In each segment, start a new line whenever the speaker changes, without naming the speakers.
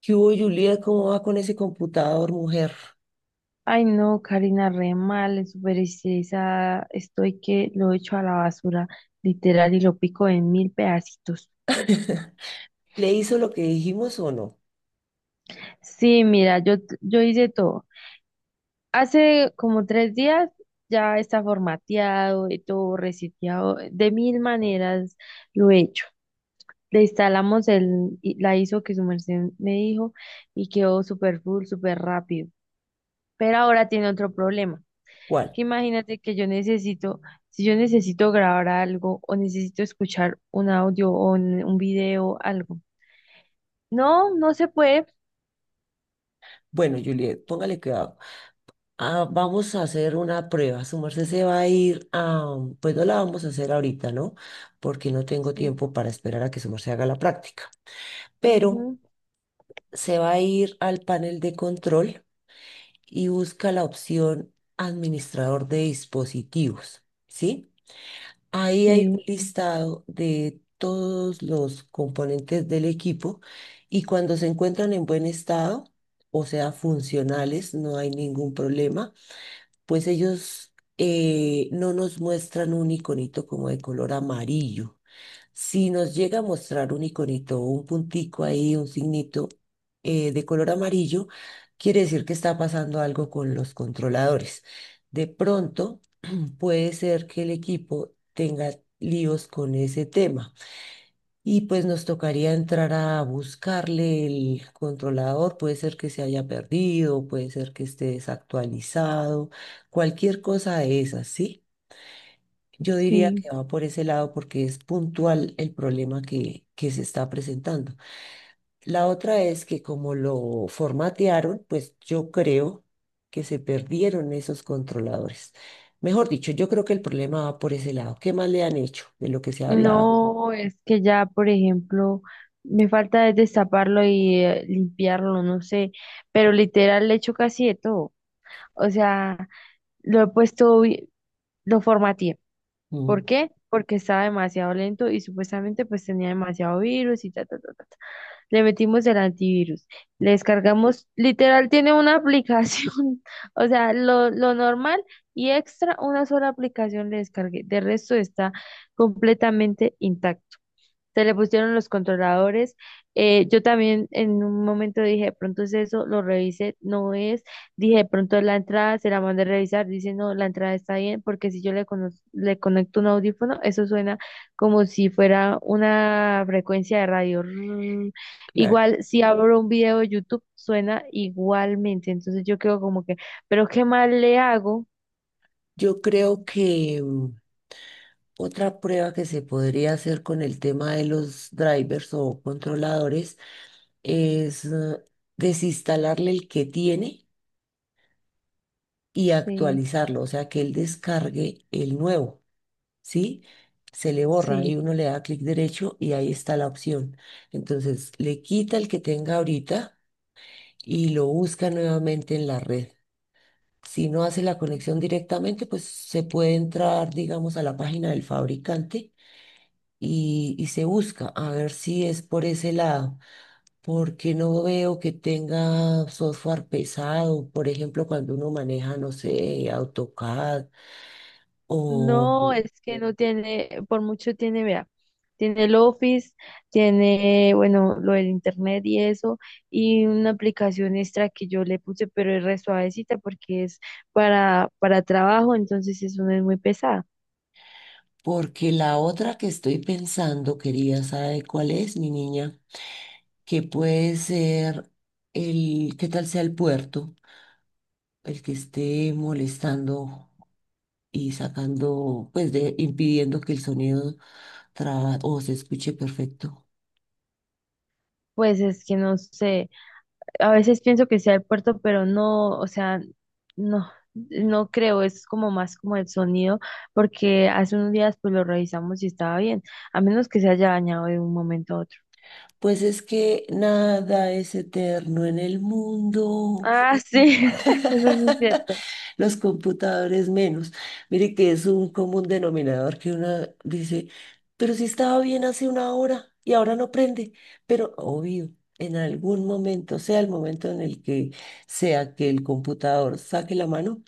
¿Qué hubo, Juliet? ¿Cómo va con ese computador, mujer?
Ay, no, Karina, re mal, súper estresada. Estoy que lo echo a la basura, literal, y lo pico en mil pedacitos.
¿Le hizo lo que dijimos o no?
Sí, mira, yo hice todo. Hace como 3 días ya está formateado y todo reseteado. De mil maneras lo he hecho. Le instalamos la ISO que su merced me dijo y quedó súper full, súper rápido. Pero ahora tiene otro problema. Que
¿Cuál?
Imagínate que yo necesito, si yo necesito grabar algo o necesito escuchar un audio o un video, algo. No, no se puede.
Bueno, Juliet, póngale cuidado. Ah, vamos a hacer una prueba. Su merced se va a ir a... Pues no la vamos a hacer ahorita, ¿no? Porque no tengo
Sí,
tiempo para esperar a que su merced haga la práctica. Pero
ujú,
se va a ir al panel de control y busca la opción administrador de dispositivos, ¿sí? Ahí hay
sí,
un listado de todos los componentes del equipo y cuando se encuentran en buen estado, o sea, funcionales, no hay ningún problema, pues ellos no nos muestran un iconito como de color amarillo. Si nos llega a mostrar un iconito, un puntico ahí, un signito de color amarillo, quiere decir que está pasando algo con los controladores. De pronto puede ser que el equipo tenga líos con ese tema. Y pues nos tocaría entrar a buscarle el controlador, puede ser que se haya perdido, puede ser que esté desactualizado, cualquier cosa de esas, ¿sí? Yo diría
sí.
que va por ese lado porque es puntual el problema que se está presentando. La otra es que como lo formatearon, pues yo creo que se perdieron esos controladores. Mejor dicho, yo creo que el problema va por ese lado. ¿Qué más le han hecho de lo que se ha hablado?
No, es que ya, por ejemplo, me falta es destaparlo y limpiarlo, no sé, pero literal le echo casi de todo. O sea, lo he puesto, vi- lo formateé.
Mm,
¿Por qué? Porque estaba demasiado lento y supuestamente pues tenía demasiado virus y ta, ta, ta, ta. Le metimos el antivirus, le descargamos, literal tiene una aplicación, o sea, lo normal y extra, una sola aplicación le descargué, de resto está completamente intacto. Se le pusieron los controladores. Yo también en un momento dije, de pronto es eso, lo revisé, no es. Dije, de pronto es la entrada, se la mandé a revisar, dice, no, la entrada está bien, porque si yo le, le conecto un audífono, eso suena como si fuera una frecuencia de radio. Rrrr.
claro.
Igual, si abro un video de YouTube, suena igualmente. Entonces yo quedo como que, pero ¿qué más le hago?
Yo creo que otra prueba que se podría hacer con el tema de los drivers o controladores es desinstalarle el que tiene y
Sí,
actualizarlo, o sea, que él descargue el nuevo. ¿Sí? Se le borra
sí.
y uno le da clic derecho y ahí está la opción. Entonces, le quita el que tenga ahorita y lo busca nuevamente en la red. Si no hace la conexión directamente, pues se puede entrar, digamos, a la página del fabricante y se busca a ver si es por ese lado, porque no veo que tenga software pesado, por ejemplo, cuando uno maneja, no sé, AutoCAD. O
No, es que no tiene, por mucho tiene, vea, tiene el Office, tiene, bueno, lo del internet y eso, y una aplicación extra que yo le puse, pero es re suavecita porque es para trabajo, entonces eso no es muy pesada.
porque la otra que estoy pensando, quería saber cuál es, mi niña? Que puede ser el, ¿qué tal sea el puerto? El que esté molestando y sacando, pues de, impidiendo que el sonido o se escuche perfecto.
Pues es que no sé, a veces pienso que sea el puerto, pero no, o sea, no, no creo, es como más como el sonido, porque hace unos días pues lo revisamos y estaba bien, a menos que se haya dañado de un momento a otro.
Pues es que nada es eterno en el mundo.
Ah, sí, eso sí es cierto.
Los computadores menos. Mire que es un común denominador que una dice, pero si estaba bien hace una hora y ahora no prende. Pero obvio, en algún momento, sea el momento en el que sea que el computador saque la mano,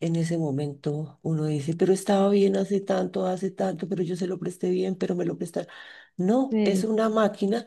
en ese momento uno dice, pero estaba bien hace tanto, pero yo se lo presté bien, pero me lo prestaron. No, es
Sí,
una máquina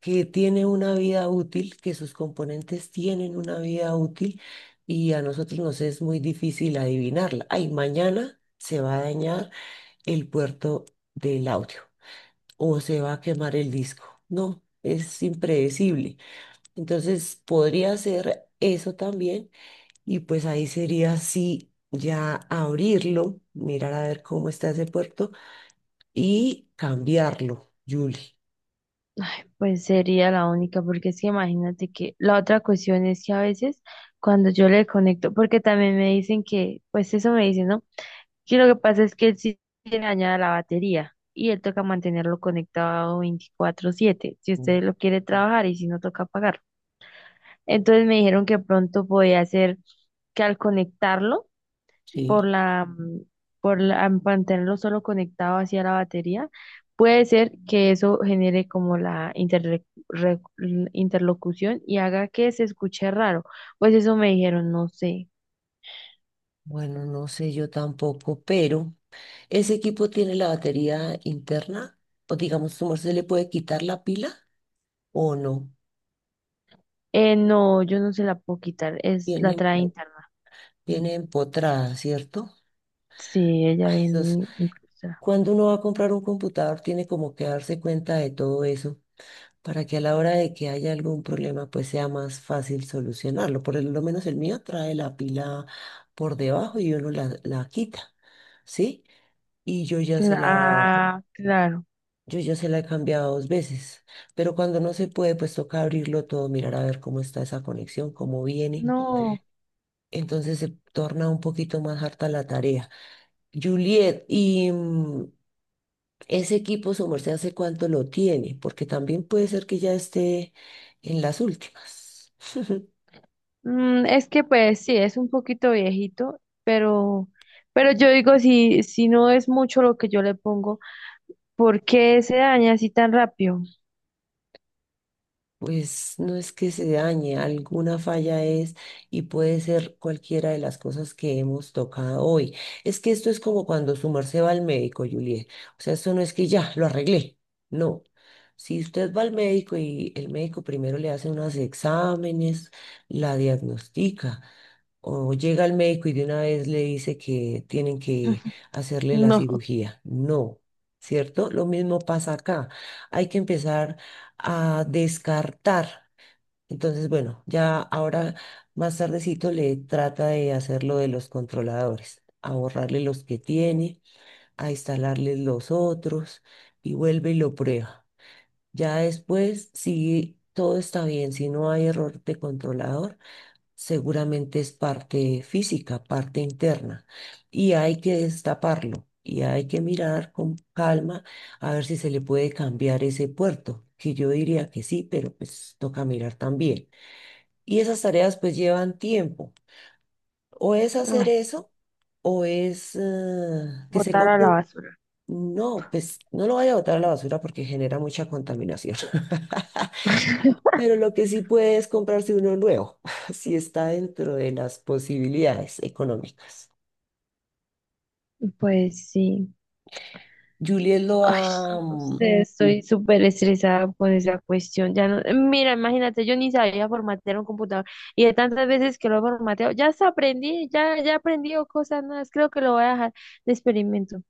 que tiene una vida útil, que sus componentes tienen una vida útil y a nosotros nos es muy difícil adivinarla. Ay, mañana se va a dañar el puerto del audio o se va a quemar el disco. No, es impredecible. Entonces podría ser eso también y pues ahí sería sí. Ya abrirlo, mirar a ver cómo está ese puerto y cambiarlo, Julie.
pues sería la única, porque es que imagínate que la otra cuestión es que a veces cuando yo le conecto, porque también me dicen que, pues eso me dicen, ¿no? Que lo que pasa es que él sí tiene dañada la batería y él toca mantenerlo conectado 24/7, si
Mm.
usted lo quiere trabajar y si no toca apagarlo. Entonces me dijeron que pronto podía hacer que al conectarlo, por
Sí.
la, mm, mantenerlo solo conectado hacia la batería, puede ser que eso genere como la interlocución y haga que se escuche raro. Pues eso me dijeron, no sé.
Bueno, no sé, yo tampoco, pero ¿ese equipo tiene la batería interna? O digamos, ¿cómo se le puede quitar la pila o no?
No, yo no se la puedo quitar, es
Tiene,
la trae interna. Mm,
tiene empotrada, ¿cierto?
sí, ella
Ay, Dios,
viene incrustada.
cuando uno va a comprar un computador, tiene como que darse cuenta de todo eso para que a la hora de que haya algún problema, pues sea más fácil solucionarlo. Por lo menos el mío trae la pila por debajo y uno la quita, ¿sí? Y yo ya se la...
Ah, claro.
Yo ya se la he cambiado 2 veces, pero cuando no se puede, pues toca abrirlo todo, mirar a ver cómo está esa conexión, cómo viene.
No,
Entonces se torna un poquito más harta la tarea. Juliet, ¿y ese equipo su merced hace cuánto lo tiene? Porque también puede ser que ya esté en las últimas.
es que pues sí, es un poquito viejito, pero yo digo, si no es mucho lo que yo le pongo, ¿por qué se daña así tan rápido?
Pues no es que se dañe, alguna falla es y puede ser cualquiera de las cosas que hemos tocado hoy. Es que esto es como cuando su merced va al médico, Juliet. O sea, esto no es que ya lo arreglé. No. Si usted va al médico y el médico primero le hace unos exámenes, la diagnostica, o llega al médico y de una vez le dice que tienen que hacerle la
No,
cirugía. No. ¿Cierto? Lo mismo pasa acá. Hay que empezar a descartar. Entonces, bueno, ya ahora más tardecito le trata de hacer lo de los controladores, a borrarle los que tiene, a instalarles los otros y vuelve y lo prueba. Ya después, si todo está bien, si no hay error de controlador, seguramente es parte física, parte interna, y hay que destaparlo y hay que mirar con calma a ver si se le puede cambiar ese puerto, que yo diría que sí, pero pues toca mirar también. Y esas tareas pues llevan tiempo, o es hacer
ay,
eso, o es que se
botar a
compre.
la basura.
No, pues no lo vaya a botar a la basura porque genera mucha contaminación. Pero lo que sí puede es comprarse uno nuevo, si está dentro de las posibilidades económicas.
Pues sí.
Juliet lo
Ay,
va,
no
mm,
sé, estoy súper estresada con esa cuestión. Ya no, mira, imagínate, yo ni sabía formatear un computador y de tantas veces que lo he formateado, ya hasta aprendí, ya he aprendido cosas nuevas. Creo que lo voy a dejar de experimento.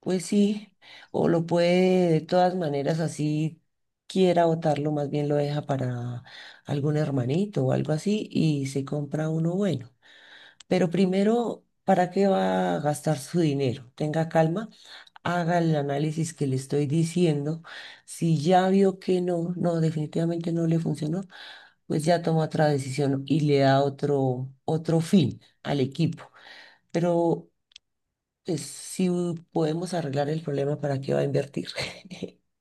pues sí, o lo puede de todas maneras, así quiera botarlo, más bien lo deja para algún hermanito o algo así y se compra uno bueno. Pero primero, ¿para qué va a gastar su dinero? Tenga calma, haga el análisis que le estoy diciendo. Si ya vio que no, no, definitivamente no le funcionó, pues ya toma otra decisión y le da otro, otro fin al equipo. Pero pues, si podemos arreglar el problema, ¿para qué va a invertir?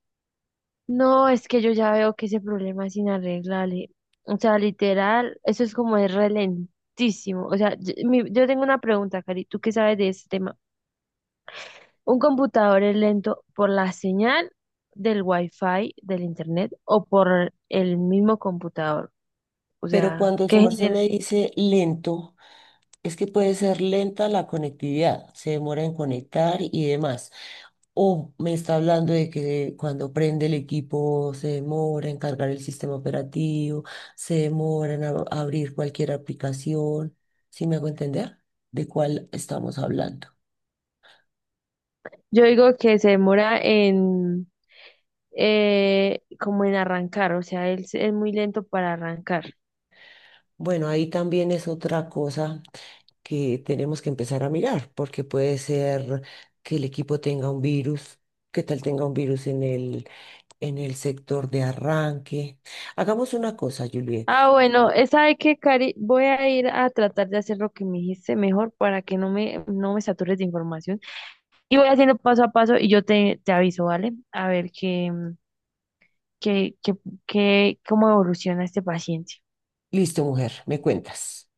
No, es que yo ya veo que ese problema es inarreglable. O sea, literal, eso es como es relentísimo. O sea, yo tengo una pregunta, Cari, ¿tú qué sabes de este tema? ¿Un computador es lento por la señal del Wi-Fi, del internet, o por el mismo computador? O
Pero
sea,
cuando
¿qué
su merced me
genera?
dice lento, es que puede ser lenta la conectividad, se demora en conectar y demás. O me está hablando de que cuando prende el equipo se demora en cargar el sistema operativo, se demora en abrir cualquier aplicación. ¿Sí me hago entender? ¿De cuál estamos hablando?
Yo digo que se demora en, como en arrancar, o sea, es muy lento para arrancar.
Bueno, ahí también es otra cosa que tenemos que empezar a mirar, porque puede ser que el equipo tenga un virus, que tal tenga un virus en el sector de arranque. Hagamos una cosa, Juliet.
Ah, bueno, ¿sabe qué, Cari? Voy a ir a tratar de hacer lo que me dijiste mejor para que no me satures de información. Y voy haciendo paso a paso y yo te aviso, ¿vale? A ver qué, qué, qué, cómo evoluciona este paciente.
Listo, mujer, me cuentas.